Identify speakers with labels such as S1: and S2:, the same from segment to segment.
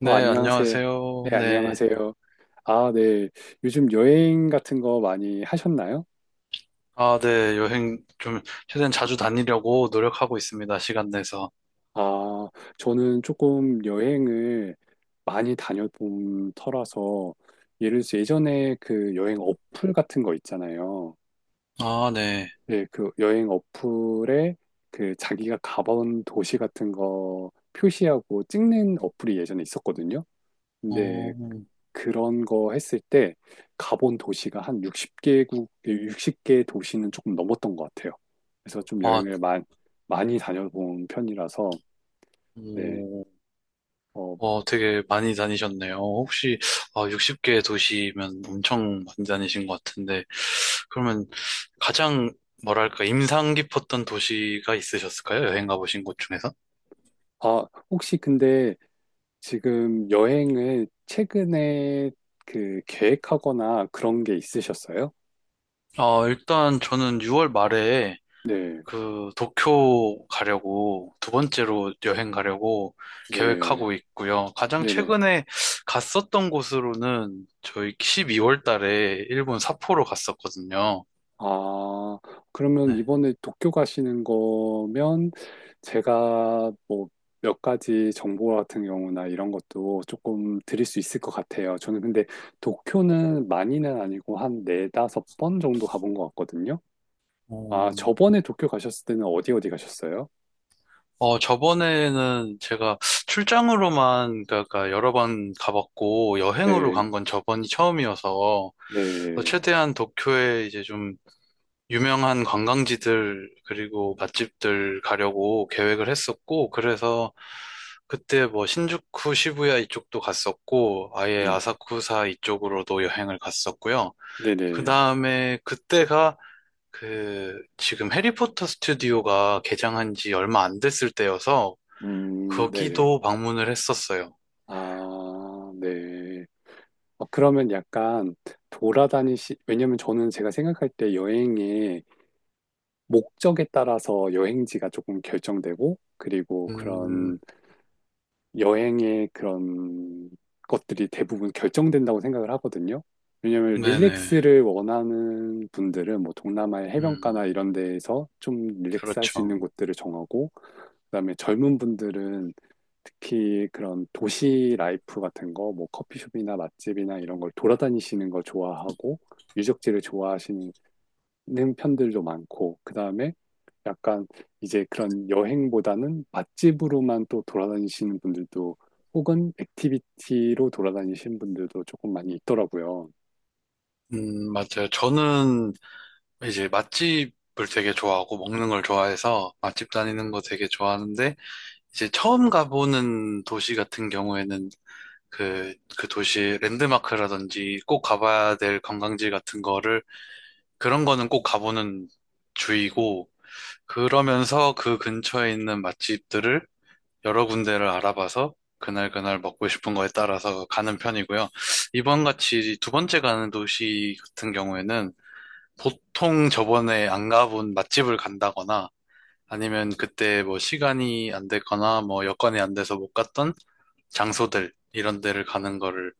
S1: 네,
S2: 안녕하세요.
S1: 안녕하세요.
S2: 네,
S1: 네.
S2: 안녕하세요. 아, 네. 요즘 여행 같은 거 많이 하셨나요?
S1: 아, 네. 여행 좀 최대한 자주 다니려고 노력하고 있습니다. 시간 내서.
S2: 아, 저는 조금 여행을 많이 다녀본 터라서 예를 들어서 예전에 그 여행 어플 같은 거 있잖아요.
S1: 아, 네.
S2: 네, 그 여행 어플에 그 자기가 가본 도시 같은 거 표시하고 찍는 어플이 예전에 있었거든요. 네,
S1: 어.
S2: 그런 거 했을 때 가본 도시가 한 60개국, 60개 도시는 조금 넘었던 것 같아요. 그래서 좀
S1: 아.
S2: 여행을 많이 다녀본 편이라서, 네.
S1: 어.
S2: 어,
S1: 어, 되게 많이 다니셨네요. 혹시, 아, 60개 도시면 엄청 많이 다니신 것 같은데, 그러면 가장 뭐랄까 인상 깊었던 도시가 있으셨을까요? 여행 가보신 곳 중에서?
S2: 아, 혹시 근데 지금 여행을 최근에 그 계획하거나 그런 게 있으셨어요?
S1: 어, 일단 저는 6월 말에
S2: 네,
S1: 그 도쿄 가려고 두 번째로 여행 가려고
S2: 네,
S1: 계획하고 있고요. 가장
S2: 네네.
S1: 최근에 갔었던 곳으로는 저희 12월 달에 일본 삿포로 갔었거든요.
S2: 아, 그러면
S1: 네.
S2: 이번에 도쿄 가시는 거면 제가 뭐 몇 가지 정보 같은 경우나 이런 것도 조금 드릴 수 있을 것 같아요. 저는 근데 도쿄는 많이는 아니고 한 네다섯 번 정도 가본 것 같거든요. 아,
S1: 음.
S2: 저번에 도쿄 가셨을 때는 어디 어디 가셨어요?
S1: 어, 저번에는 제가 출장으로만, 그러니까 여러 번 가봤고, 여행으로
S2: 네,
S1: 간 건 저번이 처음이어서
S2: 네,
S1: 최대한 도쿄에 이제 좀 유명한 관광지들 그리고 맛집들 가려고 계획을 했었고, 그래서 그때 뭐 신주쿠, 시부야 이쪽도 갔었고, 아예
S2: 네,
S1: 아사쿠사 이쪽으로도 여행을 갔었고요. 그
S2: 네네.
S1: 다음에 그때가 그 지금 해리포터 스튜디오가 개장한 지 얼마 안 됐을 때여서
S2: 네네.
S1: 거기도 방문을 했었어요.
S2: 아, 네. 그러면 약간 왜냐면 저는 제가 생각할 때 여행에 목적에 따라서 여행지가 조금 결정되고, 그리고 그런
S1: 음.
S2: 여행의 그런 것들이 대부분 결정된다고 생각을 하거든요. 왜냐면
S1: 네네.
S2: 릴렉스를 원하는 분들은 뭐 동남아의
S1: 음.
S2: 해변가나 이런 데에서 좀 릴렉스 할 수
S1: 그렇죠.
S2: 있는 곳들을 정하고, 그다음에 젊은 분들은 특히 그런 도시 라이프 같은 거, 뭐 커피숍이나 맛집이나 이런 걸 돌아다니시는 걸 좋아하고, 유적지를 좋아하시는 는 편들도 많고, 그 다음에 약간 이제 그런 여행보다는 맛집으로만 또 돌아다니시는 분들도 혹은 액티비티로 돌아다니시는 분들도 조금 많이 있더라고요.
S1: 맞아요. 저는 이제 맛집을 되게 좋아하고 먹는 걸 좋아해서 맛집 다니는 거 되게 좋아하는데, 이제 처음 가보는 도시 같은 경우에는 그 도시 랜드마크라든지 꼭 가봐야 될 관광지 같은 거를, 그런 거는 꼭 가보는 주의고, 그러면서 그 근처에 있는 맛집들을 여러 군데를 알아봐서 그날 그날 먹고 싶은 거에 따라서 가는 편이고요. 이번 같이 두 번째 가는 도시 같은 경우에는 보통 저번에 안 가본 맛집을 간다거나 아니면 그때 뭐 시간이 안 됐거나 뭐 여건이 안 돼서 못 갔던 장소들, 이런 데를 가는 거를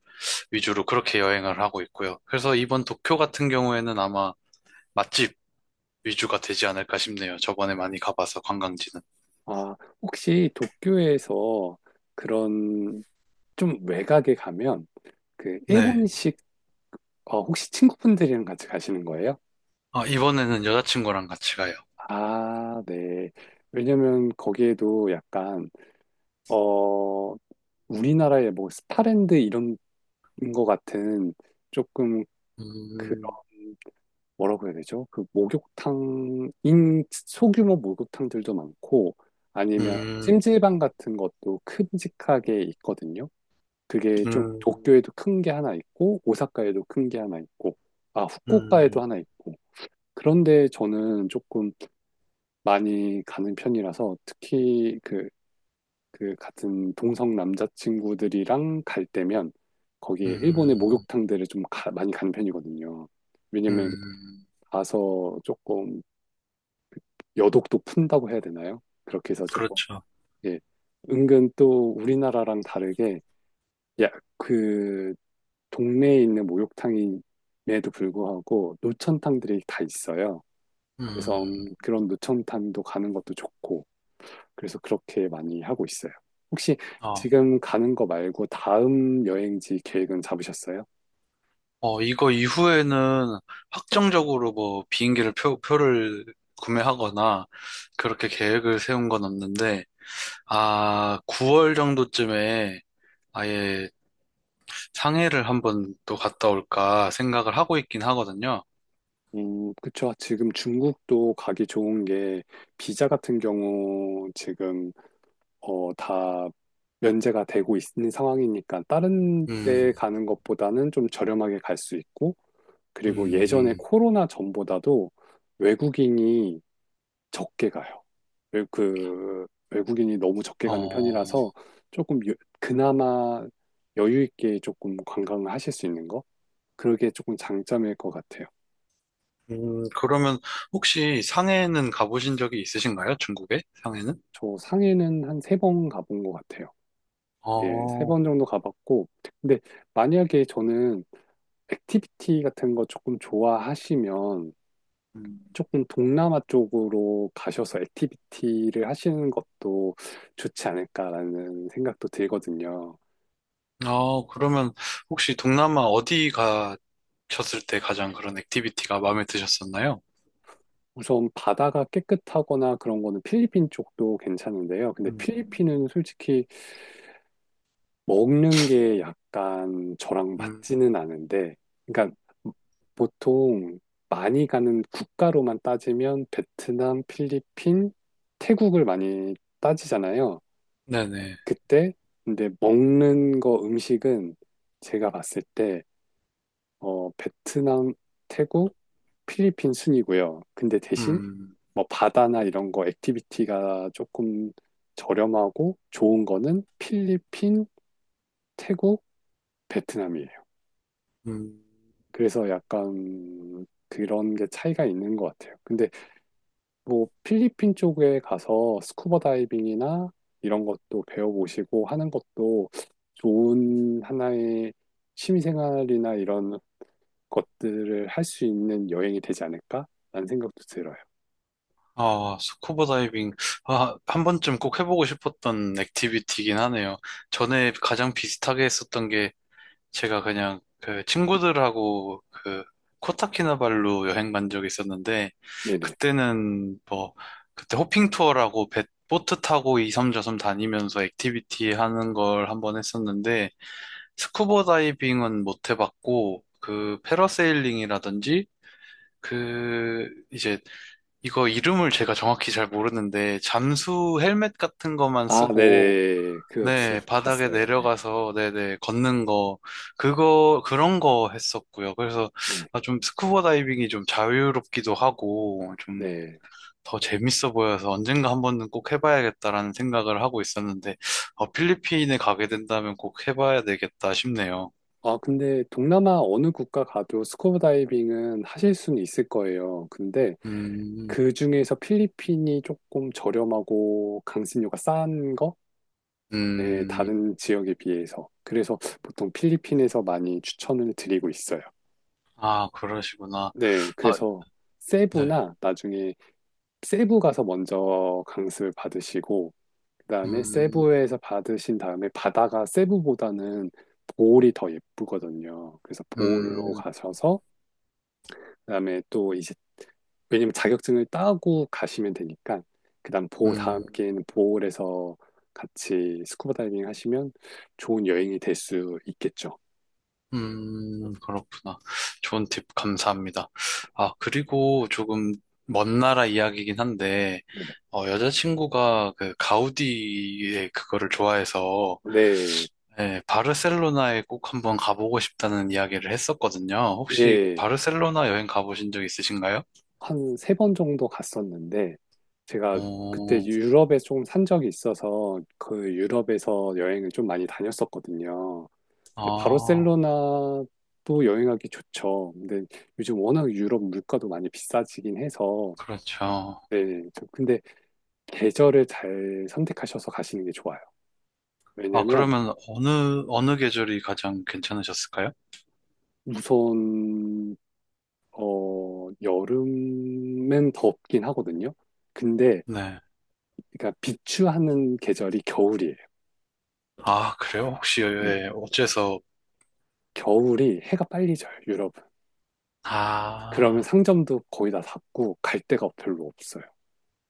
S1: 위주로 그렇게 여행을 하고 있고요. 그래서 이번 도쿄 같은 경우에는 아마 맛집 위주가 되지 않을까 싶네요. 저번에 많이 가봐서 관광지는.
S2: 아, 혹시 도쿄에서 그런 좀 외곽에 가면 그
S1: 네.
S2: 일본식 혹시 친구분들이랑 같이 가시는 거예요?
S1: 아, 이번에는 여자친구랑 같이 가요.
S2: 아, 네. 왜냐면 거기에도 약간 어 우리나라의 뭐 스파랜드 이런 것 같은 조금 그런
S1: 음.
S2: 뭐라고 해야 되죠? 그 목욕탕인 소규모 목욕탕들도 많고 아니면
S1: 음.
S2: 찜질방 같은 것도 큼직하게 있거든요. 그게 좀
S1: 음.
S2: 도쿄에도 큰 게 하나 있고 오사카에도 큰 게 하나 있고 후쿠오카에도
S1: 음.
S2: 하나 있고 그런데 저는 조금 많이 가는 편이라서 특히 그 같은 동성 남자친구들이랑 갈 때면 거기에 일본의
S1: 음.
S2: 목욕탕들을 좀 많이 가는 편이거든요. 왜냐면
S1: 음.
S2: 가서 조금 여독도 푼다고 해야 되나요? 그렇게 해서 조금
S1: 그렇죠.
S2: 예, 은근 또 우리나라랑 다르게 야, 그 동네에 있는 목욕탕임에도 불구하고 노천탕들이 다 있어요. 그래서
S1: 음.
S2: 그런 노천탕도 가는 것도 좋고 그래서 그렇게 많이 하고 있어요. 혹시
S1: 어.
S2: 지금 가는 거 말고 다음 여행지 계획은 잡으셨어요?
S1: 어, 이거 이후에는 확정적으로 뭐 비행기를 표를 구매하거나 그렇게 계획을 세운 건 없는데, 아, 9월 정도쯤에 아예 상해를 한번 또 갔다 올까 생각을 하고 있긴 하거든요.
S2: 그쵸. 지금 중국도 가기 좋은 게 비자 같은 경우 지금 다 면제가 되고 있는 상황이니까 다른 데
S1: 음.
S2: 가는 것보다는 좀 저렴하게 갈 수 있고 그리고 예전에
S1: 음.
S2: 코로나 전보다도 외국인이 적게 가요. 그 외국인이 너무 적게 가는
S1: 어.
S2: 편이라서 조금 그나마 여유 있게 조금 관광을 하실 수 있는 거? 그게 조금 장점일 것 같아요.
S1: 그러면 혹시 상해는 가보신 적이 있으신가요? 중국에? 상해는?
S2: 저 상해는 한 세 번 가본 것 같아요. 예, 세
S1: 어.
S2: 번 정도 가봤고. 근데 만약에 저는 액티비티 같은 거 조금 좋아하시면
S1: 음.
S2: 조금 동남아 쪽으로 가셔서 액티비티를 하시는 것도 좋지 않을까라는 생각도 들거든요.
S1: 어, 그러면 혹시 동남아 어디 가셨을 때 가장 그런 액티비티가 마음에 드셨었나요?
S2: 우선 바다가 깨끗하거나 그런 거는 필리핀 쪽도 괜찮은데요. 근데
S1: 음.
S2: 필리핀은 솔직히 먹는 게 약간 저랑
S1: 음.
S2: 맞지는 않은데, 그러니까 보통 많이 가는 국가로만 따지면 베트남, 필리핀, 태국을 많이 따지잖아요.
S1: 네네.
S2: 그때 근데 먹는 거 음식은 제가 봤을 때 베트남, 태국, 필리핀 순이고요. 근데 대신
S1: 음.
S2: 뭐 바다나 이런 거 액티비티가 조금 저렴하고 좋은 거는 필리핀, 태국, 베트남이에요.
S1: 음.
S2: 그래서 약간 그런 게 차이가 있는 것 같아요. 근데 뭐 필리핀 쪽에 가서 스쿠버 다이빙이나 이런 것도 배워보시고 하는 것도 좋은 하나의 취미생활이나 이런 것들을 할 수 있는 여행이 되지 않을까? 라는 생각도 들어요.
S1: 아, 스쿠버 다이빙. 아, 한 번쯤 꼭 해보고 싶었던 액티비티긴 하네요. 전에 가장 비슷하게 했었던 게, 제가 그냥 그 친구들하고 그 코타키나발루 여행 간 적이 있었는데,
S2: 네네.
S1: 그때는 뭐 그때 호핑 투어라고 배 보트 타고 이섬저섬 다니면서 액티비티 하는 걸 한번 했었는데, 스쿠버 다이빙은 못 해봤고 그 패러세일링이라든지 그 이제 이거 이름을 제가 정확히 잘 모르는데 잠수 헬멧 같은 거만
S2: 아,
S1: 쓰고,
S2: 네네.
S1: 네, 바닥에
S2: 봤어요. 네.
S1: 내려가서 네네 걷는 거, 그거 그런 거 했었고요. 그래서
S2: 네.
S1: 아, 좀 스쿠버 다이빙이 좀 자유롭기도 하고 좀
S2: 네.
S1: 더 재밌어 보여서 언젠가 한 번은 꼭 해봐야겠다라는 생각을 하고 있었는데, 어, 필리핀에 가게 된다면 꼭 해봐야 되겠다 싶네요.
S2: 아, 근데 동남아 어느 국가 가도 스쿠버 다이빙은 하실 수는 있을 거예요. 근데
S1: 음.
S2: 그 중에서 필리핀이 조금 저렴하고 강습료가 싼 거? 네,
S1: 음.
S2: 다른 지역에 비해서. 그래서 보통 필리핀에서 많이 추천을 드리고 있어요.
S1: 아, 그러시구나.
S2: 네,
S1: 아,
S2: 그래서
S1: 네.
S2: 세부나 나중에 세부 가서 먼저 강습을 받으시고, 그다음에
S1: 음.
S2: 세부에서 받으신 다음에 바다가 세부보다는 보홀이 더 예쁘거든요. 그래서 보홀로
S1: 음.
S2: 가셔서 그다음에 또 이제 왜냐면 자격증을 따고 가시면 되니까 그다음 보 다음
S1: 음.
S2: 기회는 보홀에서 같이 스쿠버 다이빙 하시면 좋은 여행이 될 수 있겠죠.
S1: 그렇구나. 좋은 팁 감사합니다. 아, 그리고 조금 먼 나라 이야기긴 한데,
S2: 네네.
S1: 어, 여자친구가 그 가우디의 그거를 좋아해서,
S2: 네,
S1: 예, 바르셀로나에 꼭 한번 가보고 싶다는 이야기를 했었거든요. 혹시
S2: 예,
S1: 바르셀로나 여행 가보신 적 있으신가요?
S2: 한 세 번 정도 갔었는데 제가 그때
S1: 어.
S2: 유럽에 조금 산 적이 있어서 그 유럽에서 여행을 좀 많이 다녔었거든요. 근데
S1: 아,
S2: 바르셀로나도 여행하기 좋죠. 근데 요즘 워낙 유럽 물가도 많이 비싸지긴 해서
S1: 그렇죠.
S2: 네, 근데 계절을 잘 선택하셔서 가시는 게 좋아요.
S1: 아,
S2: 왜냐면
S1: 그러면 어느 계절이 가장 괜찮으셨을까요?
S2: 우선 여름엔 덥긴 하거든요. 근데
S1: 네.
S2: 그러니까 비추하는 계절이 겨울이에요.
S1: 아, 그래요? 혹시,
S2: 네,
S1: 예, 어째서?
S2: 겨울이 해가 빨리 져요, 유럽은. 그러면
S1: 아.
S2: 상점도 거의 다 닫고 갈 데가 별로 없어요.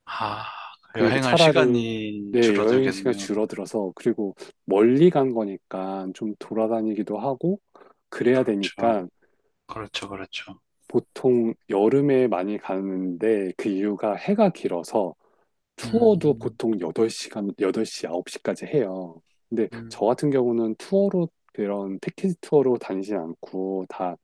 S1: 아.
S2: 그러니까
S1: 여행할
S2: 차라리
S1: 시간이
S2: 네, 여행 시간
S1: 줄어들겠네요.
S2: 줄어들어서 그리고 멀리 간 거니까 좀 돌아다니기도 하고 그래야
S1: 그렇죠.
S2: 되니까
S1: 그렇죠. 그렇죠.
S2: 보통 여름에 많이 가는데 그 이유가 해가 길어서 투어도
S1: 음.
S2: 보통 8시간, 8시 9시까지 해요. 근데
S1: 음.
S2: 저 같은 경우는 투어로 그런 패키지 투어로 다니진 않고 다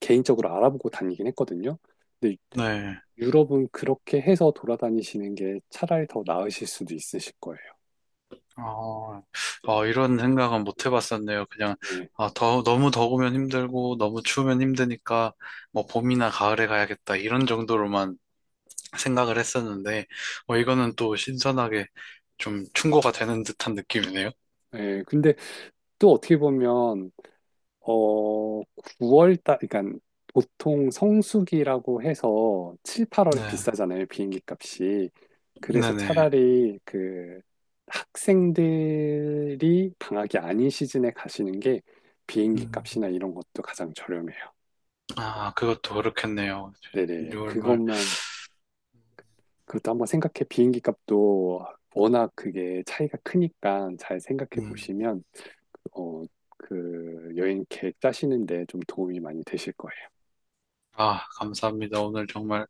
S2: 개인적으로 알아보고 다니긴 했거든요. 근데
S1: 네.
S2: 유럽은 그렇게 해서 돌아다니시는 게 차라리 더 나으실 수도 있으실 거예요.
S1: 어. 어, 이런 생각은 못 해봤었네요. 그냥,
S2: 네.
S1: 아, 너무 더우면 힘들고, 너무 추우면 힘드니까, 뭐, 봄이나 가을에 가야겠다. 이런 정도로만 생각을 했었는데, 어, 이거는 또 신선하게 좀 충고가 되는 듯한 느낌이네요.
S2: 네, 근데 또 어떻게 보면 어, 9월 달, 그러니까 보통 성수기라고 해서 7, 8월에
S1: 네.
S2: 비싸잖아요, 비행기 값이. 그래서
S1: 네네.
S2: 차라리 그 학생들이 방학이 아닌 시즌에 가시는 게 비행기
S1: 음.
S2: 값이나 이런 것도 가장 저렴해요.
S1: 아, 그것도 그렇겠네요.
S2: 네네,
S1: 6월 말.
S2: 그것도 한번 생각해. 비행기 값도 워낙 그게 차이가 크니까 잘 생각해
S1: 음.
S2: 보시면, 어, 그 여행 계획 짜시는데 좀 도움이 많이 되실 거예요.
S1: 아, 감사합니다. 오늘 정말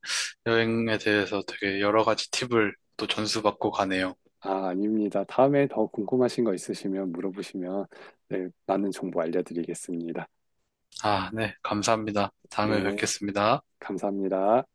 S1: 여행에 대해서 되게 여러 가지 팁을 또 전수받고 가네요.
S2: 아, 아닙니다. 다음에 더 궁금하신 거 있으시면 물어보시면 네, 많은 정보 알려드리겠습니다.
S1: 아, 네, 감사합니다. 다음에
S2: 네,
S1: 뵙겠습니다.
S2: 감사합니다.